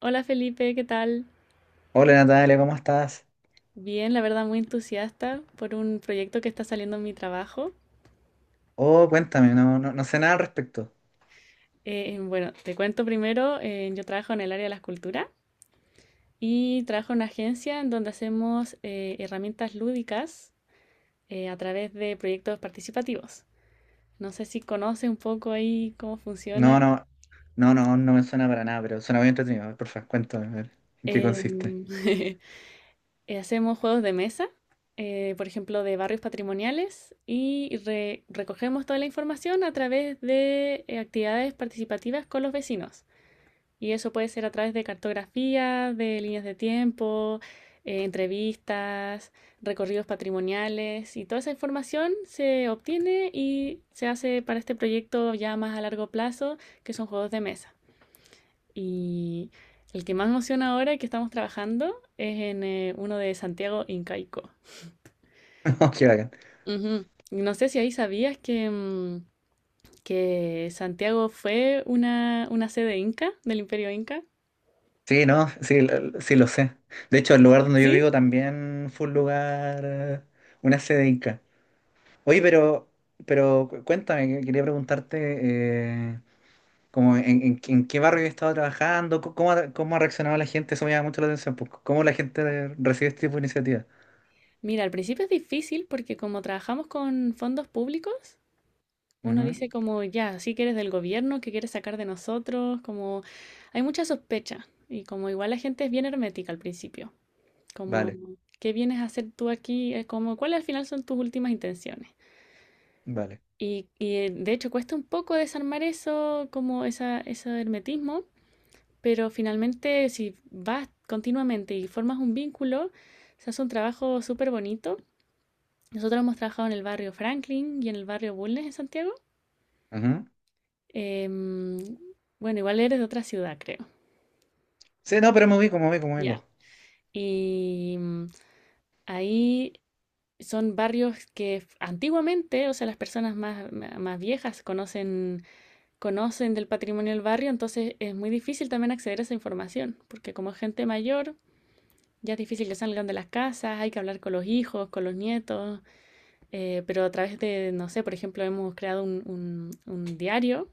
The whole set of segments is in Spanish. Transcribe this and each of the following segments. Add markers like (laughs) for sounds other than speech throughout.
Hola Felipe, ¿qué tal? Hola Natalia, ¿cómo estás? Bien, la verdad muy entusiasta por un proyecto que está saliendo en mi trabajo. Oh, cuéntame, no, no, no sé nada al respecto. Bueno, te cuento primero, yo trabajo en el área de la escultura y trabajo en una agencia en donde hacemos herramientas lúdicas a través de proyectos participativos. No sé si conoces un poco ahí cómo No, funciona. no, no me suena para nada, pero suena muy entretenido. A ver, porfa, cuéntame, a ver, ¿en qué consiste? Em, (laughs) Hacemos juegos de mesa, por ejemplo, de barrios patrimoniales y recogemos toda la información a través de actividades participativas con los vecinos. Y eso puede ser a través de cartografía, de líneas de tiempo, entrevistas, recorridos patrimoniales y toda esa información se obtiene y se hace para este proyecto ya más a largo plazo, que son juegos de mesa. Y el que más me emociona ahora que estamos trabajando es en uno de Santiago Incaico. (laughs) Oh, qué bacán. Ujú. Y no sé si ahí sabías que Santiago fue una sede inca del Imperio Inca. Sí, no, sí, sí lo sé. De hecho, el lugar donde yo ¿Sí? vivo también fue un lugar, una sede inca. Oye, pero, cuéntame, quería preguntarte, eh, como en, en qué barrio he estado trabajando, cómo ha reaccionado la gente, eso me llama mucho la atención, pues, ¿cómo la gente recibe este tipo de iniciativa? Mira, al principio es difícil porque como trabajamos con fondos públicos, uno Ujú. dice como, ya, sí que eres del gobierno, que quieres sacar de nosotros, como hay mucha sospecha y como igual la gente es bien hermética al principio. Como, Vale, ¿qué vienes a hacer tú aquí? Como, ¿cuáles al final son tus últimas intenciones? vale. Y, de hecho cuesta un poco desarmar eso, como esa, ese hermetismo, pero finalmente si vas continuamente y formas un vínculo, se hace un trabajo súper bonito. Nosotros hemos trabajado en el barrio Franklin y en el barrio Bulnes en Santiago. Ujú. Em, bueno, igual eres de otra ciudad, creo. Sí, no, pero me ubico, me ubico, me Ya. ubico. Y mm, Ahí son barrios que antiguamente, o sea, las personas más viejas conocen del patrimonio del barrio, entonces es muy difícil también acceder a esa información, porque como gente mayor, ya es difícil que salgan de las casas, hay que hablar con los hijos, con los nietos, pero a través de, no sé, por ejemplo, hemos creado un diario.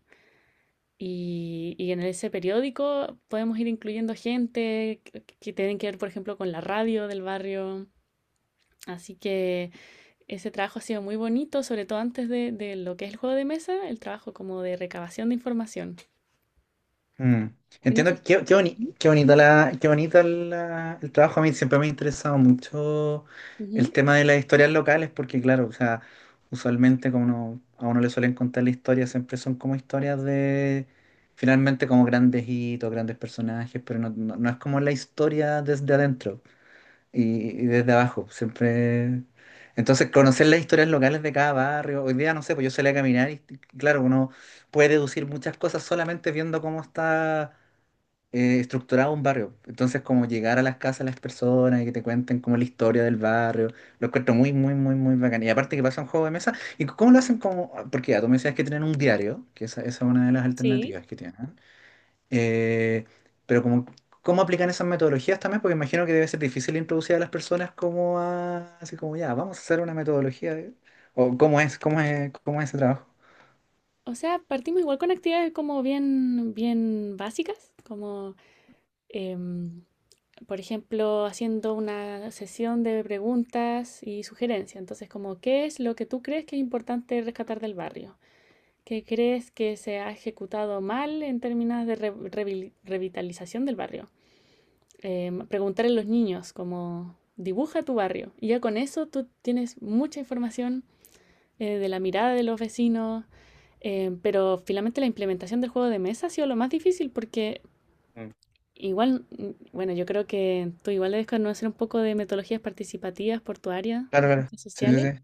Y en ese periódico podemos ir incluyendo gente que tienen que ver, por ejemplo, con la radio del barrio. Así que ese trabajo ha sido muy bonito, sobre todo antes de lo que es el juego de mesa, el trabajo como de recabación de información. Mm. Y no Entiendo sé- que Ujú, qué bonita el trabajo. A mí siempre me ha interesado mucho ujú. el tema de las historias locales, porque claro, o sea, usualmente a uno le suelen contar la historia, siempre son como historias de finalmente como grandes hitos, grandes personajes, pero no, no es como la historia desde adentro, y desde abajo, siempre. Entonces, conocer las historias locales de cada barrio, hoy día no sé, pues yo salí a caminar y claro, uno puede deducir muchas cosas solamente viendo cómo está estructurado un barrio. Entonces, como llegar a las casas de las personas y que te cuenten como la historia del barrio, lo encuentro muy, muy, muy, muy bacán. Y aparte que pasa un juego de mesa, ¿y cómo lo hacen como? Porque ya tú me decías que tienen un diario, que esa es una de las Sí. alternativas que tienen. Eh, pero como, ¿cómo aplican esas metodologías también? Porque imagino que debe ser difícil introducir a las personas como a, así como ya, vamos a hacer una metodología. O cómo es, cómo es, cómo es ese trabajo. O sea, partimos igual con actividades como bien, bien básicas, como, em, por ejemplo, haciendo una sesión de preguntas y sugerencias. Entonces, como, ¿qué es lo que tú crees que es importante rescatar del barrio? ¿Qué crees que se ha ejecutado mal en términos de revitalización del barrio? Preguntarle a los niños como dibuja tu barrio. Y ya con eso tú tienes mucha información de la mirada de los vecinos, pero finalmente la implementación del juego de mesa ha sido lo más difícil porque Mm. igual, bueno, yo creo que tú igual debes conocer un poco de metodologías participativas por tu área Claro, de claro. ciencias Sí, sí, sociales. sí.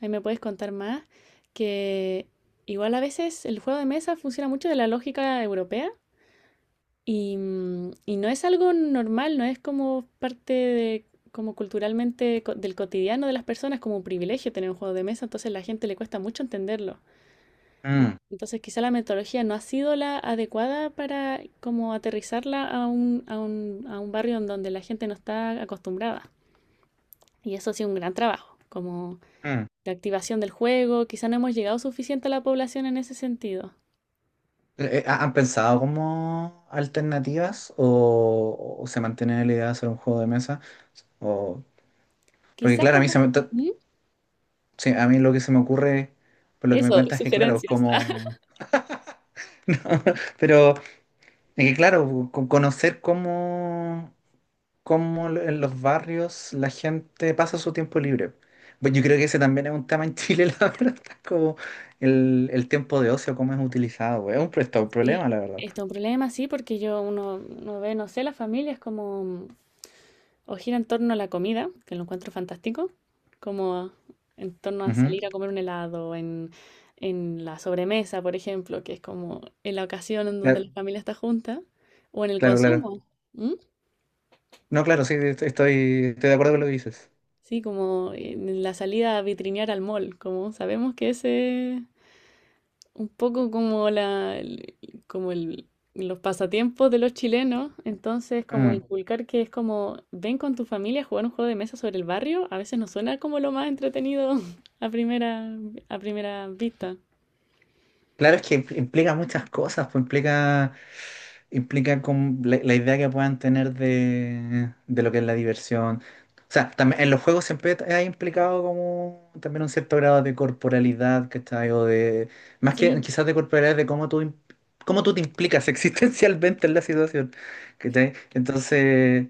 Ahí me puedes contar más que igual a veces el juego de mesa funciona mucho de la lógica europea. Y no es algo normal, no es como parte de, como culturalmente del cotidiano de las personas, como un privilegio tener un juego de mesa, entonces a la gente le cuesta mucho entenderlo. Y Mm, entonces quizá la metodología no ha sido la adecuada para como aterrizarla a un barrio en donde la gente no está acostumbrada. Y eso ha sido un gran trabajo, como mm. la activación del juego, quizá no hemos llegado suficiente a la población en ese sentido. ¿Han pensado como alternativas o se mantiene la idea de hacer un juego de mesa? O, porque Quizá claro, a mí, como. ¿Mm? sí, a mí lo que se me ocurre, por lo que me Eso, cuentas es que claro, es sugerencias. como… (laughs) Pero es que claro, conocer cómo, cómo en los barrios la gente pasa su tiempo libre. Pues yo creo que ese también es un tema en Chile, (laughs) la verdad, como el tiempo de ocio, cómo es utilizado, güey. Es un, está un Sí, problema, la verdad, pues. está un problema, sí, porque uno ve, no sé, las familias como o gira en torno a la comida, que lo encuentro fantástico, como en torno a Ujú. salir a comer un helado, en, la sobremesa, por ejemplo, que es como en la ocasión en donde Claro, la familia está junta, o en el claro, claro. consumo, ¿m? No, claro, sí, estoy de acuerdo con lo que dices. Sí, como en la salida a vitrinear al mall, como sabemos que ese, un poco como como el, los pasatiempos de los chilenos, entonces como Mm. inculcar que es como ven con tu familia a jugar un juego de mesa sobre el barrio, a veces no suena como lo más entretenido (laughs) a primera, a primera vista. Claro, es que implica muchas cosas, pues implica, implica como la idea que puedan tener de lo que es la diversión. O sea, también en los juegos siempre ha implicado como también un cierto grado de corporalidad, ¿cachai? O de, más que Sí, quizás de corporalidad, de cómo tú te implicas (laughs) existencialmente en la situación, ¿cachai? Entonces,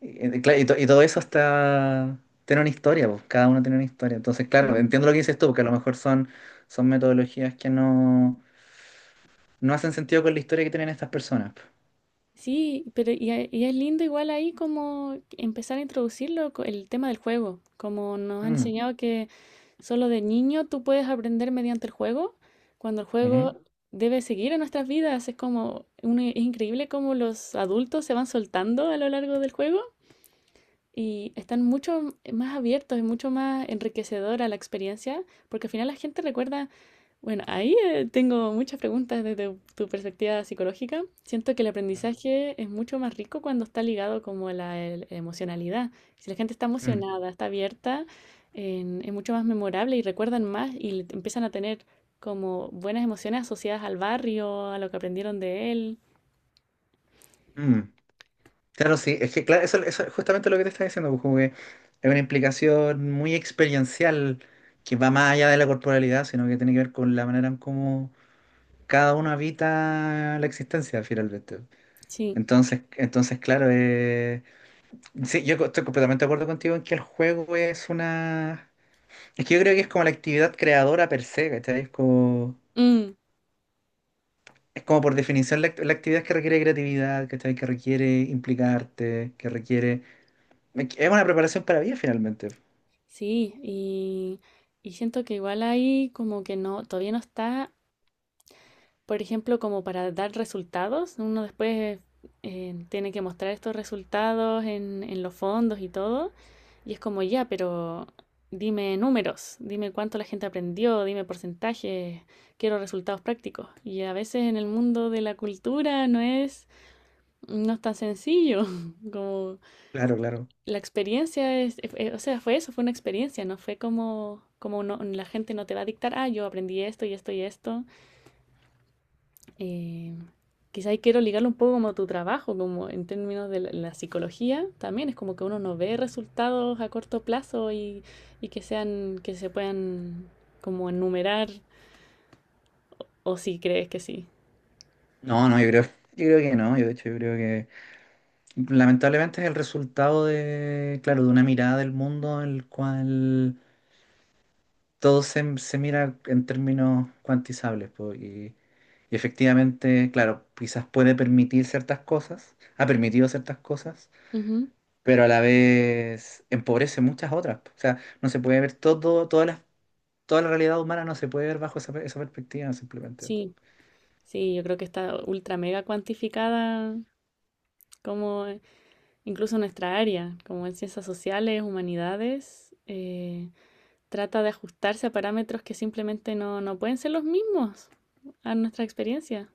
claro, y, y todo eso está, tiene una historia, pues, cada uno tiene una historia. Entonces, claro, sí. entiendo lo que dices tú, porque a lo mejor son, son metodologías que no, no hacen sentido con la historia que tienen estas personas, pues. Sí, pero y es lindo igual ahí como empezar a introducirlo, el tema del juego, como nos han Mm. enseñado que solo de niño tú puedes aprender mediante el juego, cuando el juego Ujú. debe seguir en nuestras vidas. Es como, es increíble cómo los adultos se van soltando a lo largo del juego y están mucho más abiertos y mucho más enriquecedora la experiencia, porque al final la gente recuerda, bueno, ahí tengo muchas preguntas desde tu perspectiva psicológica. Siento que el aprendizaje es mucho más rico cuando está ligado como a la emocionalidad. Si la gente está Mm, emocionada, está abierta, es mucho más memorable y recuerdan más y empiezan a tener como buenas emociones asociadas al barrio, a lo que aprendieron de él. mm. Claro, sí, es que claro, eso es justamente lo que te estaba diciendo, pues, como que es una implicación muy experiencial que va más allá de la corporalidad, sino que tiene que ver con la manera en cómo cada uno habita la existencia finalmente. Sí. Entonces claro, sí, estoy completamente de acuerdo contigo en que el juego es una… Es que yo creo que es como la actividad creadora per se, ¿cachai? Es como… Mm. Es como por definición la, la actividad que requiere creatividad, ¿cachai? Que requiere implicarte, que requiere… Es una preparación para vida finalmente. Sí, y siento que igual ahí como que no, todavía no está, por ejemplo, como para dar resultados. Uno después tiene que mostrar estos resultados en, los fondos y todo. Y es como ya, pero dime números, dime cuánto la gente aprendió, dime porcentajes, quiero resultados prácticos. Y a veces en el mundo de la cultura no es tan sencillo (laughs) como Claro, claro. la experiencia es, o sea, fue eso, fue una experiencia, no fue como la gente no te va a dictar, ah, yo aprendí esto y esto y esto. Eh, Quizá ahí quiero ligarlo un poco como a tu trabajo, como en términos de la psicología, también es como que uno no ve resultados a corto plazo y que sean, que se puedan como enumerar, o si crees que sí. No, no, yo creo que no. Yo de hecho yo creo que lamentablemente es el resultado de, claro, de una mirada del mundo en el cual todo se, se mira en términos cuantizables, po, y efectivamente, claro, quizás puede permitir ciertas cosas, ha permitido ciertas cosas, Ujú. pero a la vez empobrece muchas otras. O sea, no se puede ver todo, toda la realidad humana no se puede ver bajo esa, esa perspectiva simplemente. Sí, sí, yo creo que está ultra mega cuantificada como incluso nuestra área, como en ciencias sociales, humanidades, trata de ajustarse a parámetros que simplemente no pueden ser los mismos a nuestra experiencia.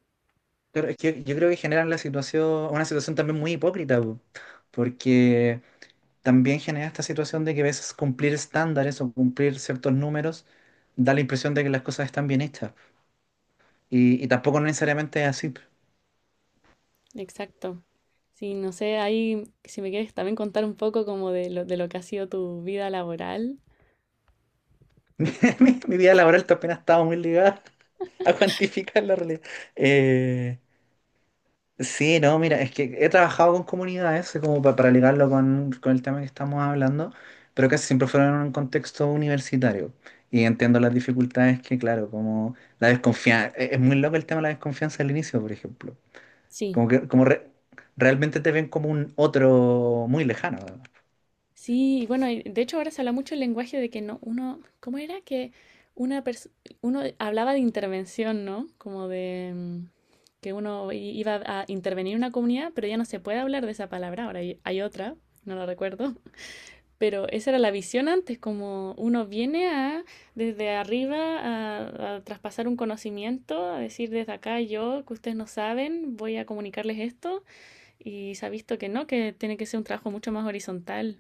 Pero es que yo creo que generan la situación, una situación también muy hipócrita, po, porque también genera esta situación de que a veces cumplir estándares o cumplir ciertos números da la impresión de que las cosas están bien hechas. Y tampoco necesariamente es así. Exacto. Sí, no sé, ahí si me quieres también contar un poco como de lo que ha sido tu vida laboral. (laughs) Mi vida laboral también ha estado muy ligada (laughs) a cuantificar la realidad. Eh, Sí, no, mira, es que he trabajado con comunidades, como para, ligarlo con el tema que estamos hablando, pero casi siempre fueron en un contexto universitario. Y entiendo las dificultades que, claro, como la desconfianza, es muy loco el tema de la desconfianza al inicio, por ejemplo. Sí, Como que realmente te ven como un otro muy lejano, ¿no? sí, y bueno, y de hecho ahora se habla mucho el lenguaje de que no, uno, ¿cómo era? Que una pers- uno hablaba de intervención, ¿no? Como de que uno iba a intervenir en una comunidad, pero ya no se puede hablar de esa palabra, ahora hay otra, no la recuerdo, (laughs) pero esa era la visión antes, como uno viene a, desde arriba, a traspasar un conocimiento, a decir desde acá yo, que ustedes no saben, voy a comunicarles esto, y se ha visto que no, que tiene que ser un trabajo mucho más horizontal.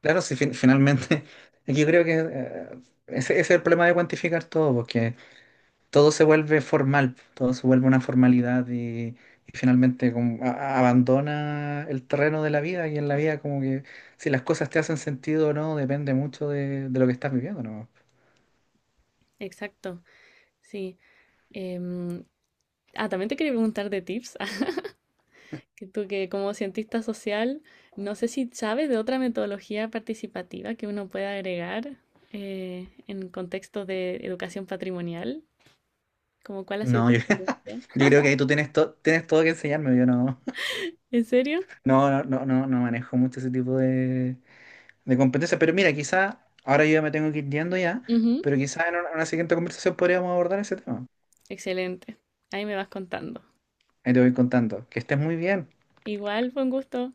Claro, si finalmente, (laughs) yo creo que ese, ese es el problema de cuantificar todo, porque todo se vuelve formal, todo se vuelve una formalidad y finalmente como abandona el terreno de la vida y en la vida como que si las cosas te hacen sentido o no depende mucho de lo que estás viviendo, ¿no? Exacto. Sí. em, ah, también te quería preguntar de tips. (laughs) Que tú que como cientista social, no sé si sabes de otra metodología participativa que uno pueda agregar en contextos de educación patrimonial. Como cuál ha sido No, tu yo, (laughs) experiencia. yo creo que ahí tú tienes, tienes todo que enseñarme, yo no, ¿En serio? (laughs) no, no, no, no manejo mucho ese tipo de competencias, pero mira, quizá ahora yo ya me tengo que ir yendo ya, Ujú. pero quizá en una siguiente conversación podríamos abordar ese tema. Excelente. Ahí me vas contando. Ahí te voy contando. Que estés muy bien. Igual fue un gusto.